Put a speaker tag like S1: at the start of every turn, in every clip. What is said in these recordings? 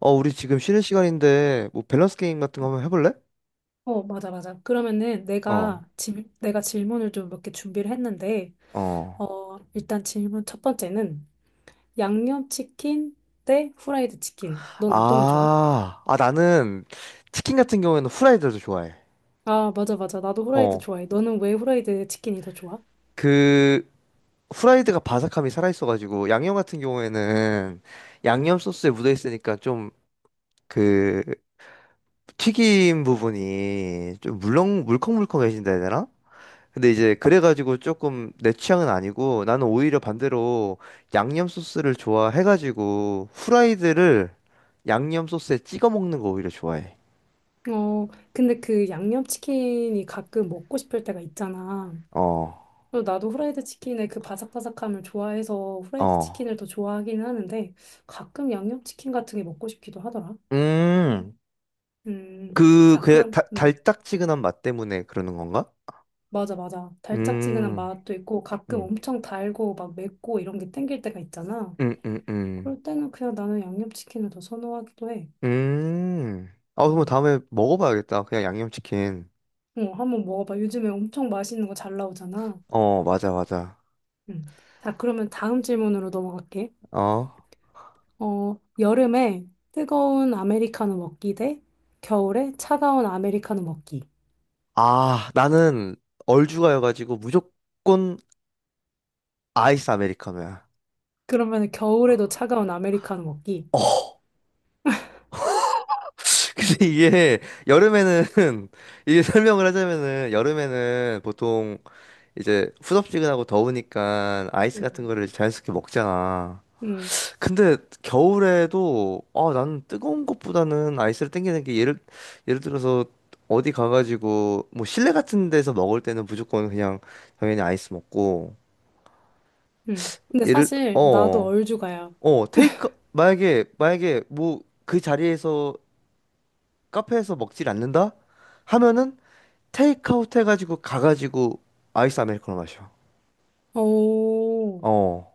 S1: 어, 우리 지금 쉬는 시간인데, 뭐, 밸런스 게임 같은 거 한번 해볼래?
S2: 맞아, 맞아. 그러면은 내가,
S1: 어,
S2: 질, 내가 질문을 좀 몇 개 준비를 했는데,
S1: 어.
S2: 일단 질문 첫 번째는 양념치킨 대 후라이드 치킨. 넌 어떤 게 좋아?
S1: 아, 아, 나는 치킨 같은 경우에는 후라이드를 더 좋아해.
S2: 아, 맞아, 맞아. 나도 후라이드
S1: 어,
S2: 좋아해. 너는 왜 후라이드 치킨이 더 좋아?
S1: 그, 후라이드가 바삭함이 살아있어가지고, 양념 같은 경우에는 양념 소스에 묻어있으니까 좀, 그, 튀김 부분이 좀 물컹물컹해진다 해야 되나? 근데 이제 그래가지고 조금 내 취향은 아니고 나는 오히려 반대로 양념 소스를 좋아해가지고 후라이드를 양념 소스에 찍어 먹는 거 오히려 좋아해.
S2: 근데 그 양념치킨이 가끔 먹고 싶을 때가 있잖아.
S1: 어,
S2: 그래서 나도 후라이드 치킨의 그 바삭바삭함을 좋아해서 후라이드
S1: 어.
S2: 치킨을 더 좋아하긴 하는데, 가끔 양념치킨 같은 게 먹고 싶기도 하더라.
S1: 음,
S2: 음, 자,
S1: 그
S2: 그럼, 음.
S1: 달짝지근한 맛 때문에 그러는 건가?
S2: 맞아, 맞아. 달짝지근한
S1: 음,
S2: 맛도 있고 가끔
S1: 음,
S2: 엄청 달고 막 맵고 이런 게 땡길 때가 있잖아.
S1: 음, 음, 음.
S2: 그럴 때는 그냥 나는 양념치킨을 더 선호하기도 해.
S1: 음. 아, 그럼
S2: 음.
S1: 다음에 먹어봐야겠다. 그냥 양념치킨.
S2: 한번 먹어봐. 요즘에 엄청 맛있는 거 잘 나오잖아.
S1: 어, 맞아, 맞아.
S2: 음. 자, 그러면 다음 질문으로 넘어갈게.
S1: 어.
S2: 여름에 뜨거운 아메리카노 먹기 대 겨울에 차가운 아메리카노 먹기.
S1: 아, 나는 얼죽아여가지고 무조건 아이스 아메리카노야.
S2: 그러면 겨울에도 차가운 아메리카노 먹기.
S1: 어. 근데 이게 여름에는 이게 설명을 하자면은 여름에는 보통 이제 후덥지근하고 더우니까 아이스 같은
S2: 음.
S1: 거를 자연스럽게 먹잖아.
S2: 음.
S1: 근데 겨울에도 아 나는 뜨거운 것보다는 아이스를 땡기는 게 예를 들어서 어디 가가지고 뭐 실내 같은 데서 먹을 때는 무조건 그냥 당연히 아이스 먹고
S2: 음. 근데
S1: 예를
S2: 사실 나도
S1: 어
S2: 얼죽아야.
S1: 어 테이크 만약에 뭐 그 자리에서 카페에서 먹질 않는다? 하면은 테이크아웃 해가지고 가가지고 아이스 아메리카노 마셔.
S2: 오.
S1: 어.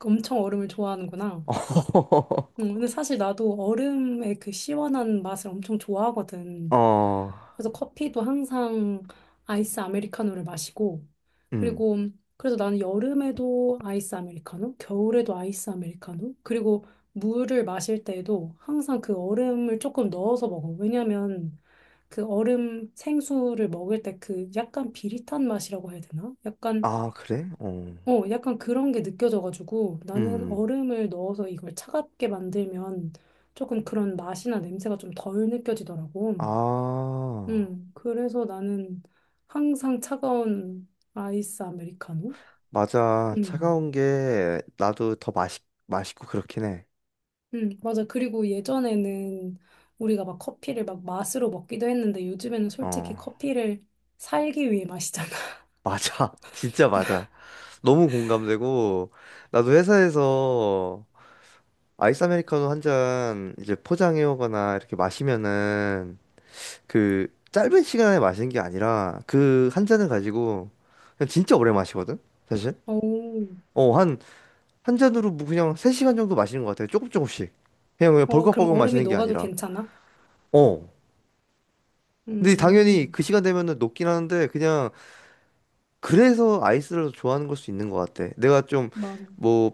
S2: 엄청 얼음을 좋아하는구나. 근데 사실 나도 얼음의 그 시원한 맛을 엄청 좋아하거든.
S1: 어.
S2: 그래서 커피도 항상 아이스 아메리카노를 마시고,
S1: 음.
S2: 그리고 그래서 나는 여름에도 아이스 아메리카노, 겨울에도 아이스 아메리카노, 그리고 물을 마실 때에도 항상 그 얼음을 조금 넣어서 먹어. 왜냐면 그 얼음 생수를 먹을 때 그 약간 비릿한 맛이라고 해야 되나? 약간
S1: 아, 그래? 어.
S2: 어, 약간 그런 게 느껴져가지고 나는
S1: 음.
S2: 얼음을 넣어서 이걸 차갑게 만들면 조금 그런 맛이나 냄새가 좀 덜 느껴지더라고.
S1: 아.
S2: 그래서 나는 항상 차가운 아이스 아메리카노?
S1: 맞아.
S2: 음,
S1: 차가운 게 나도 더 맛있 맛있고 그렇긴 해.
S2: 맞아. 그리고 예전에는 우리가 막 커피를 막 맛으로 먹기도 했는데 요즘에는 솔직히
S1: 어.
S2: 커피를 살기 위해 마시잖아.
S1: 맞아. 진짜 맞아. 너무 공감되고 나도 회사에서 아이스 아메리카노 한 잔 이제 포장해 오거나 이렇게 마시면은 그 짧은 시간에 마시는 게 아니라 그 한 잔을 가지고 그냥 진짜 오래 마시거든 사실
S2: 오,
S1: 어 한 한 잔으로 뭐 그냥 3시간 정도 마시는 것 같아요 조금 조금씩 그냥
S2: 그럼
S1: 벌컥벌컥
S2: 얼음이
S1: 마시는 게
S2: 녹아도
S1: 아니라
S2: 괜찮아?
S1: 어 근데 당연히
S2: 음,
S1: 그 시간 되면은 녹긴 하는데 그냥 그래서 아이스를 좋아하는 걸 수 있는 것 같아 내가 좀
S2: 맞아.
S1: 뭐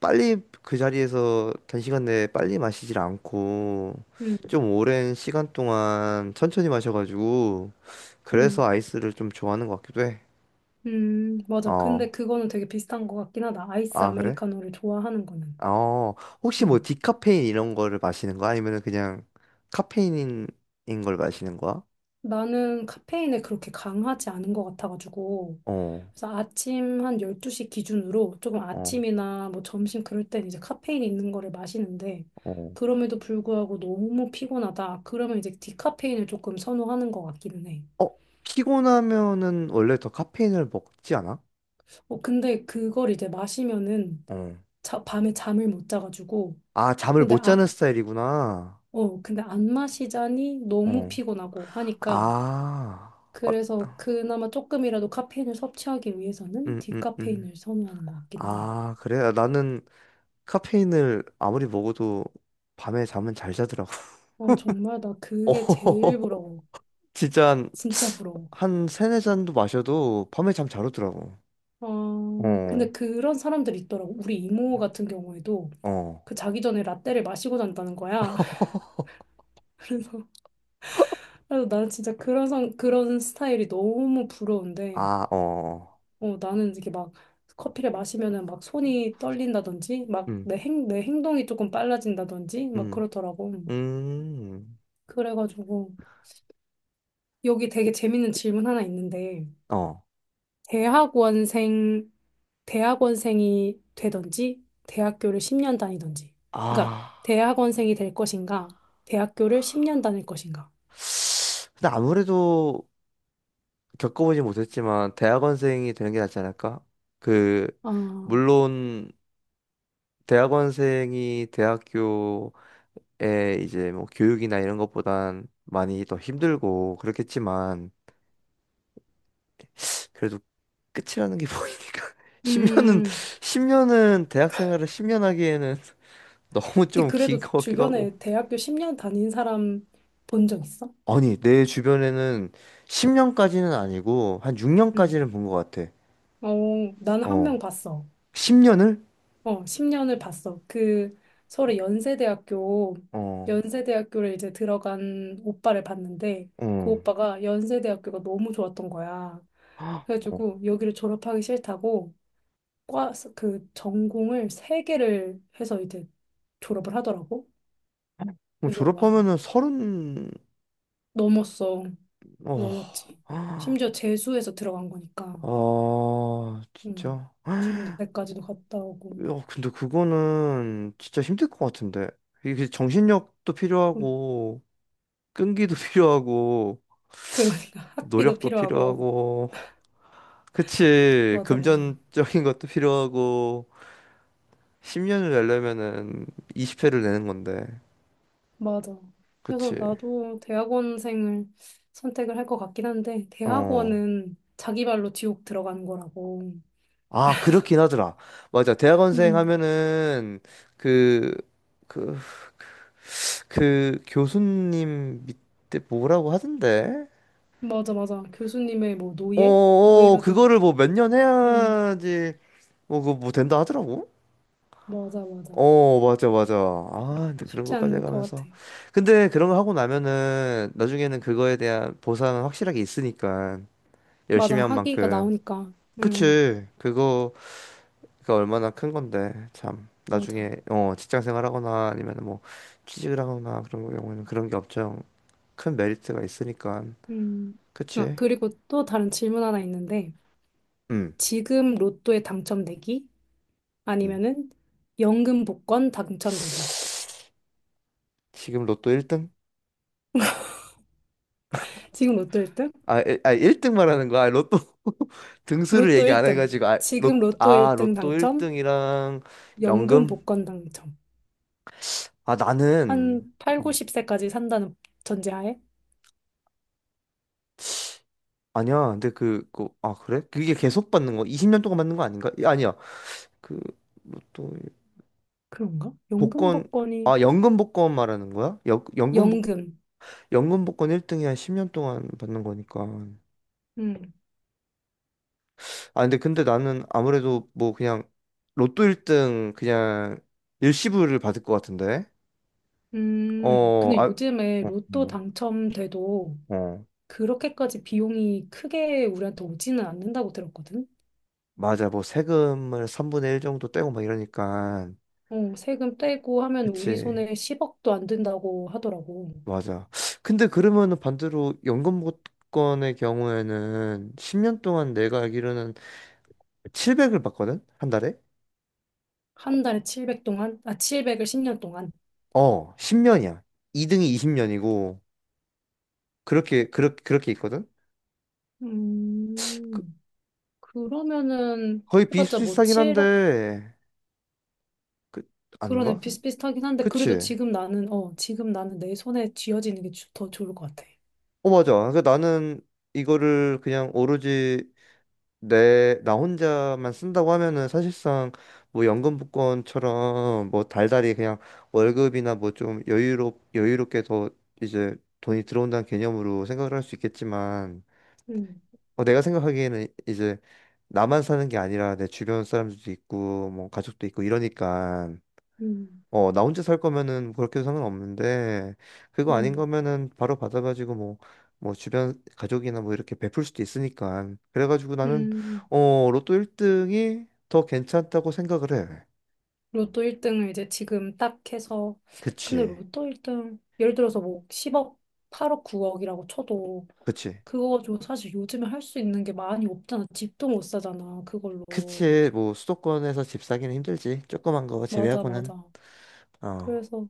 S1: 빨리 그 자리에서 단시간 내에 빨리 마시질 않고
S2: 음,
S1: 좀 오랜 시간 동안 천천히 마셔가지고 그래서
S2: 음.
S1: 아이스를 좀 좋아하는 것 같기도 해
S2: 맞아. 근데
S1: 어.
S2: 그거는 되게 비슷한 것 같긴 하다. 아이스
S1: 아, 그래?
S2: 아메리카노를 좋아하는 거는.
S1: 어. 혹시 뭐
S2: 음.
S1: 디카페인 이런 거를 마시는 거야? 아니면은 그냥 카페인인 걸 마시는 거야?
S2: 나는 카페인에 그렇게 강하지 않은 것 같아가지고.
S1: 어.
S2: 그래서 아침 한 12시 기준으로 조금
S1: 어.
S2: 아침이나 뭐 점심 그럴 땐 이제 카페인 있는 거를 마시는데,
S1: 어.
S2: 그럼에도 불구하고 너무 피곤하다. 그러면 이제 디카페인을 조금 선호하는 것 같기는 해.
S1: 어, 피곤하면은 원래 더 카페인을 먹지 않아?
S2: 근데 그걸 이제 마시면은
S1: 어.
S2: 자, 밤에 잠을 못 자가지고.
S1: 아, 잠을
S2: 근데
S1: 못
S2: 아,
S1: 자는 스타일이구나.
S2: 근데 안 마시자니 너무
S1: 어.
S2: 피곤하고 하니까
S1: 아. 어,
S2: 그래서 그나마 조금이라도 카페인을 섭취하기 위해서는
S1: 음, 음, 음.
S2: 디카페인을 선호하는 것 같기는 해.
S1: 아, 그래? 나는 카페인을 아무리 먹어도 밤에 잠은 잘 자더라고.
S2: 정말 나
S1: 어.
S2: 그게 제일 부러워.
S1: 진짜 한,
S2: 진짜 부러워.
S1: 한 세네 잔도 마셔도 밤에 잠 잘 오더라고. 어,
S2: 근데 그런 사람들이 있더라고. 우리 이모 같은 경우에도
S1: 어,
S2: 그 자기 전에 라떼를 마시고 잔다는 거야. 그래서 나는 진짜 그런 스타일이 너무 부러운데
S1: 아, 어, 어.
S2: 나는 이렇게 막 커피를 마시면은 막 손이 떨린다든지, 막
S1: 음,
S2: 내 행동이 조금 빨라진다든지, 막
S1: 음,
S2: 그러더라고.
S1: 음,
S2: 그래가지고, 여기 되게 재밌는 질문 하나 있는데,
S1: 어,
S2: 대학원생, 대학원생이 되든지, 대학교를 10년 다니든지. 그러니까,
S1: 아.
S2: 대학원생이 될 것인가, 대학교를 10년 다닐 것인가.
S1: 근데 아무래도 겪어보지 못했지만 대학원생이 되는 게 낫지 않을까? 그,
S2: 아,
S1: 물론 대학원생이 대학교에 이제 뭐 교육이나 이런 것보단 많이 더 힘들고 그렇겠지만 그래도 끝이라는 게 보이니까 10년은
S2: 음.
S1: 10년은 대학 생활을 10년 하기에는 너무
S2: 근데
S1: 좀 긴
S2: 그래도
S1: 것 같기도 하고
S2: 주변에 대학교 10년 다닌 사람 본 적 있어?
S1: 아니 내 주변에는 10년까지는 아니고 한
S2: 응.
S1: 6년까지는 본 것 같아
S2: 어, 나는 한
S1: 어
S2: 명 봤어.
S1: 10년을
S2: 10년을 봤어. 그 서울의 연세대학교,
S1: 어
S2: 연세대학교를 이제 들어간 오빠를 봤는데 그
S1: 어
S2: 오빠가 연세대학교가 너무 좋았던 거야.
S1: 어.
S2: 그래가지고 여기를 졸업하기 싫다고 그 전공을 3개를 해서 이제 졸업을 하더라고.
S1: 그럼
S2: 그래서 와,
S1: 졸업하면은 30
S2: 넘었어.
S1: 어
S2: 넘었지. 심지어 재수해서 들어간 거니까.
S1: 아,
S2: 음,
S1: 진짜
S2: 군대까지도 갔다 오고.
S1: 야 근데 그거는 진짜 힘들 것 같은데 이게 정신력도
S2: 그,
S1: 필요하고 끈기도 필요하고
S2: 그러니까 학비도
S1: 노력도
S2: 필요하고.
S1: 필요하고, 그치,
S2: 맞아, 맞아.
S1: 금전적인 것도 필요하고, 10년을 내려면은 20회를 내는 건데,
S2: 맞아.
S1: 그치.
S2: 그래서 나도 대학원생을 선택을 할 것 같긴 한데,
S1: 어.
S2: 대학원은 자기 발로 지옥 들어가는 거라고.
S1: 아, 그렇긴 하더라. 맞아. 대학원생
S2: 음,
S1: 하면은, 그, 그, 그 교수님 밑에 뭐라고 하던데?
S2: 맞아, 맞아. 교수님의 뭐
S1: 어,
S2: 노예?
S1: 어,
S2: 노예가 된.
S1: 그거를 뭐 몇 년
S2: 음,
S1: 해야지, 뭐, 그거 뭐 된다 하더라고.
S2: 맞아, 맞아.
S1: 어, 맞아, 맞아. 아, 근데 그런
S2: 쉽지
S1: 것까지
S2: 않을 것 같아.
S1: 해가면서. 근데 그런 거 하고 나면은 나중에는 그거에 대한 보상은 확실하게 있으니까
S2: 맞아.
S1: 열심히 한
S2: 학위가
S1: 만큼.
S2: 나오니까. 음,
S1: 그치. 그거, 그 얼마나 큰 건데. 참.
S2: 맞아.
S1: 나중에, 어, 직장 생활하거나 아니면 뭐 취직을 하거나 그런 경우에는 그런 게 엄청 큰 메리트가 있으니까.
S2: 음. 아,
S1: 그치.
S2: 그리고 또 다른 질문 하나 있는데,
S1: 음,
S2: 지금 로또에 당첨되기?
S1: 음.
S2: 아니면은 연금 복권 당첨되기?
S1: 지금 로또 1등?
S2: 지금 로또 1등.
S1: 아, 아 1등 말하는 거야. 아, 로또 등수를
S2: 로또
S1: 얘기 안
S2: 1등.
S1: 해가지고 아,
S2: 지금 로또
S1: 아
S2: 1등
S1: 로또
S2: 당첨,
S1: 1등이랑
S2: 연금
S1: 연금?
S2: 복권 당첨.
S1: 아 나는
S2: 한 8,
S1: 음,
S2: 90세까지 산다는 전제하에?
S1: 아니야. 근데 아 그래? 그게 계속 받는 거? 20년 동안 받는 거 아닌가? 아니야. 그 로또 일-
S2: 그런가? 연금
S1: 복권
S2: 복권이,
S1: 아 연금 복권 말하는 거야? 연 연금 복
S2: 연금.
S1: 연금 복권 1등이 한 10년 동안 받는 거니까.
S2: 음,
S1: 아 근데 나는 아무래도 뭐 그냥 로또 1등 그냥 일시불을 받을 것 같은데. 어,
S2: 근데
S1: 아, 어,
S2: 요즘에 로또
S1: 뭐,
S2: 당첨돼도
S1: 어.
S2: 그렇게까지 비용이 크게 우리한테 오지는 않는다고 들었거든?
S1: 맞아. 뭐 세금을 3분의 1 정도 떼고 막 이러니까.
S2: 세금 떼고 하면 우리
S1: 그치.
S2: 손에 10억도 안 든다고 하더라고.
S1: 맞아. 근데 그러면은 반대로 연금보건의 경우에는 10년 동안 내가 알기로는 700을 받거든? 한 달에?
S2: 한 달에 700 동안? 아, 700을 10년 동안.
S1: 어, 10년이야. 2등이 20년이고, 그렇게 있거든? 그,
S2: 음. 그러면은
S1: 거의
S2: 해봤자 뭐
S1: 비슷비슷하긴
S2: 7억
S1: 한데, 그,
S2: 그런 애
S1: 아닌가?
S2: 비슷비슷하긴 한데 그래도
S1: 그치.
S2: 지금 나는 내 손에 쥐어지는 게 더 좋을 것 같아.
S1: 어, 맞아. 그러니까 나는 이거를 그냥 오로지 나 혼자만 쓴다고 하면은 사실상 뭐 연금 복권처럼 뭐 달달이 그냥 월급이나 뭐 좀 여유롭게 더 이제 돈이 들어온다는 개념으로 생각을 할 수 있겠지만
S2: 음,
S1: 어, 내가 생각하기에는 이제 나만 사는 게 아니라 내 주변 사람들도 있고 뭐 가족도 있고 이러니까
S2: 음,
S1: 어, 나 혼자 살 거면은 그렇게도 상관없는데, 그거 아닌
S2: 음,
S1: 거면은 바로 받아가지고 뭐, 뭐 주변 가족이나 뭐 이렇게 베풀 수도 있으니까. 그래가지고 나는,
S2: 음.
S1: 어, 로또 1등이 더 괜찮다고 생각을 해.
S2: 로또 1등을 이제 지금 딱 해서 근데
S1: 그치.
S2: 로또 1등 예를 들어서 뭐 10억, 8억, 9억이라고 쳐도
S1: 그치.
S2: 그거 가지고 사실 요즘에 할 수 있는 게 많이 없잖아. 집도 못 사잖아. 그걸로.
S1: 그치. 뭐 수도권에서 집 사기는 힘들지. 조그만 거
S2: 맞아,
S1: 제외하고는.
S2: 맞아.
S1: 어.
S2: 그래서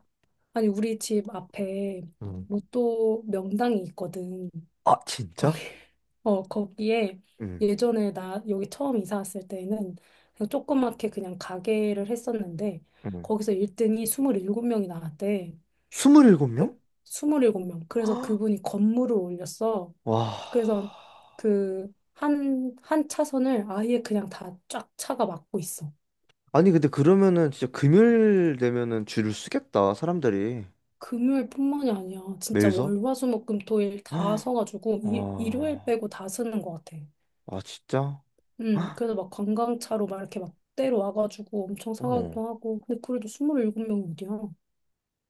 S2: 아니 우리 집 앞에
S1: 음.
S2: 로또 명당이 있거든.
S1: 아,
S2: 거기,
S1: 진짜?
S2: 거기에
S1: 응.
S2: 예전에 나 여기 처음 이사 왔을 때는 그냥 조그맣게 그냥 가게를 했었는데
S1: 응.
S2: 거기서 1등이 27명이 나왔대.
S1: 27명?
S2: 27명. 그래서 그분이 건물을 올렸어.
S1: 와.
S2: 그래서 그 한 차선을 아예 그냥 다 쫙 차가 막고 있어.
S1: 아니, 근데 그러면은 진짜 금요일 되면은 줄을 쓰겠다, 사람들이.
S2: 금요일뿐만이 아니야. 진짜
S1: 매일서?
S2: 월, 화, 수, 목, 금, 토, 일 다
S1: 아,
S2: 서가지고 일요일
S1: 아
S2: 빼고 다 쓰는 것 같아.
S1: 진짜? 헉,
S2: 그래서 막 관광차로 막 이렇게 막 때려 와가지고 엄청
S1: 어,
S2: 사가기도 하고. 근데 그래도 27명이 어디야?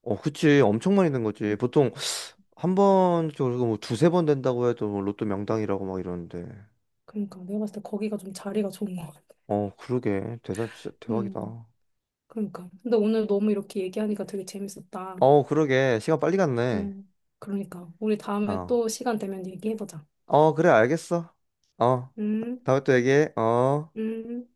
S1: 어, 그치. 엄청 많이 된 거지.
S2: 음,
S1: 보통 한 번, 그리고 뭐 두세 번 된다고 해도 뭐 로또 명당이라고 막 이러는데.
S2: 그러니까 내가 봤을 때 거기가 좀 자리가 좋은 것 같아.
S1: 어, 그러게. 대단, 진짜 대박이다.
S2: 음, 그러니까. 근데 오늘 너무 이렇게 얘기하니까 되게 재밌었다.
S1: 어, 그러게. 시간 빨리 갔네.
S2: 음, 그러니까. 우리 다음에
S1: 어.
S2: 또 시간 되면 얘기해보자.
S1: 어, 그래, 알겠어. 어,
S2: 음,
S1: 다음에 또 얘기해. 어.
S2: 음.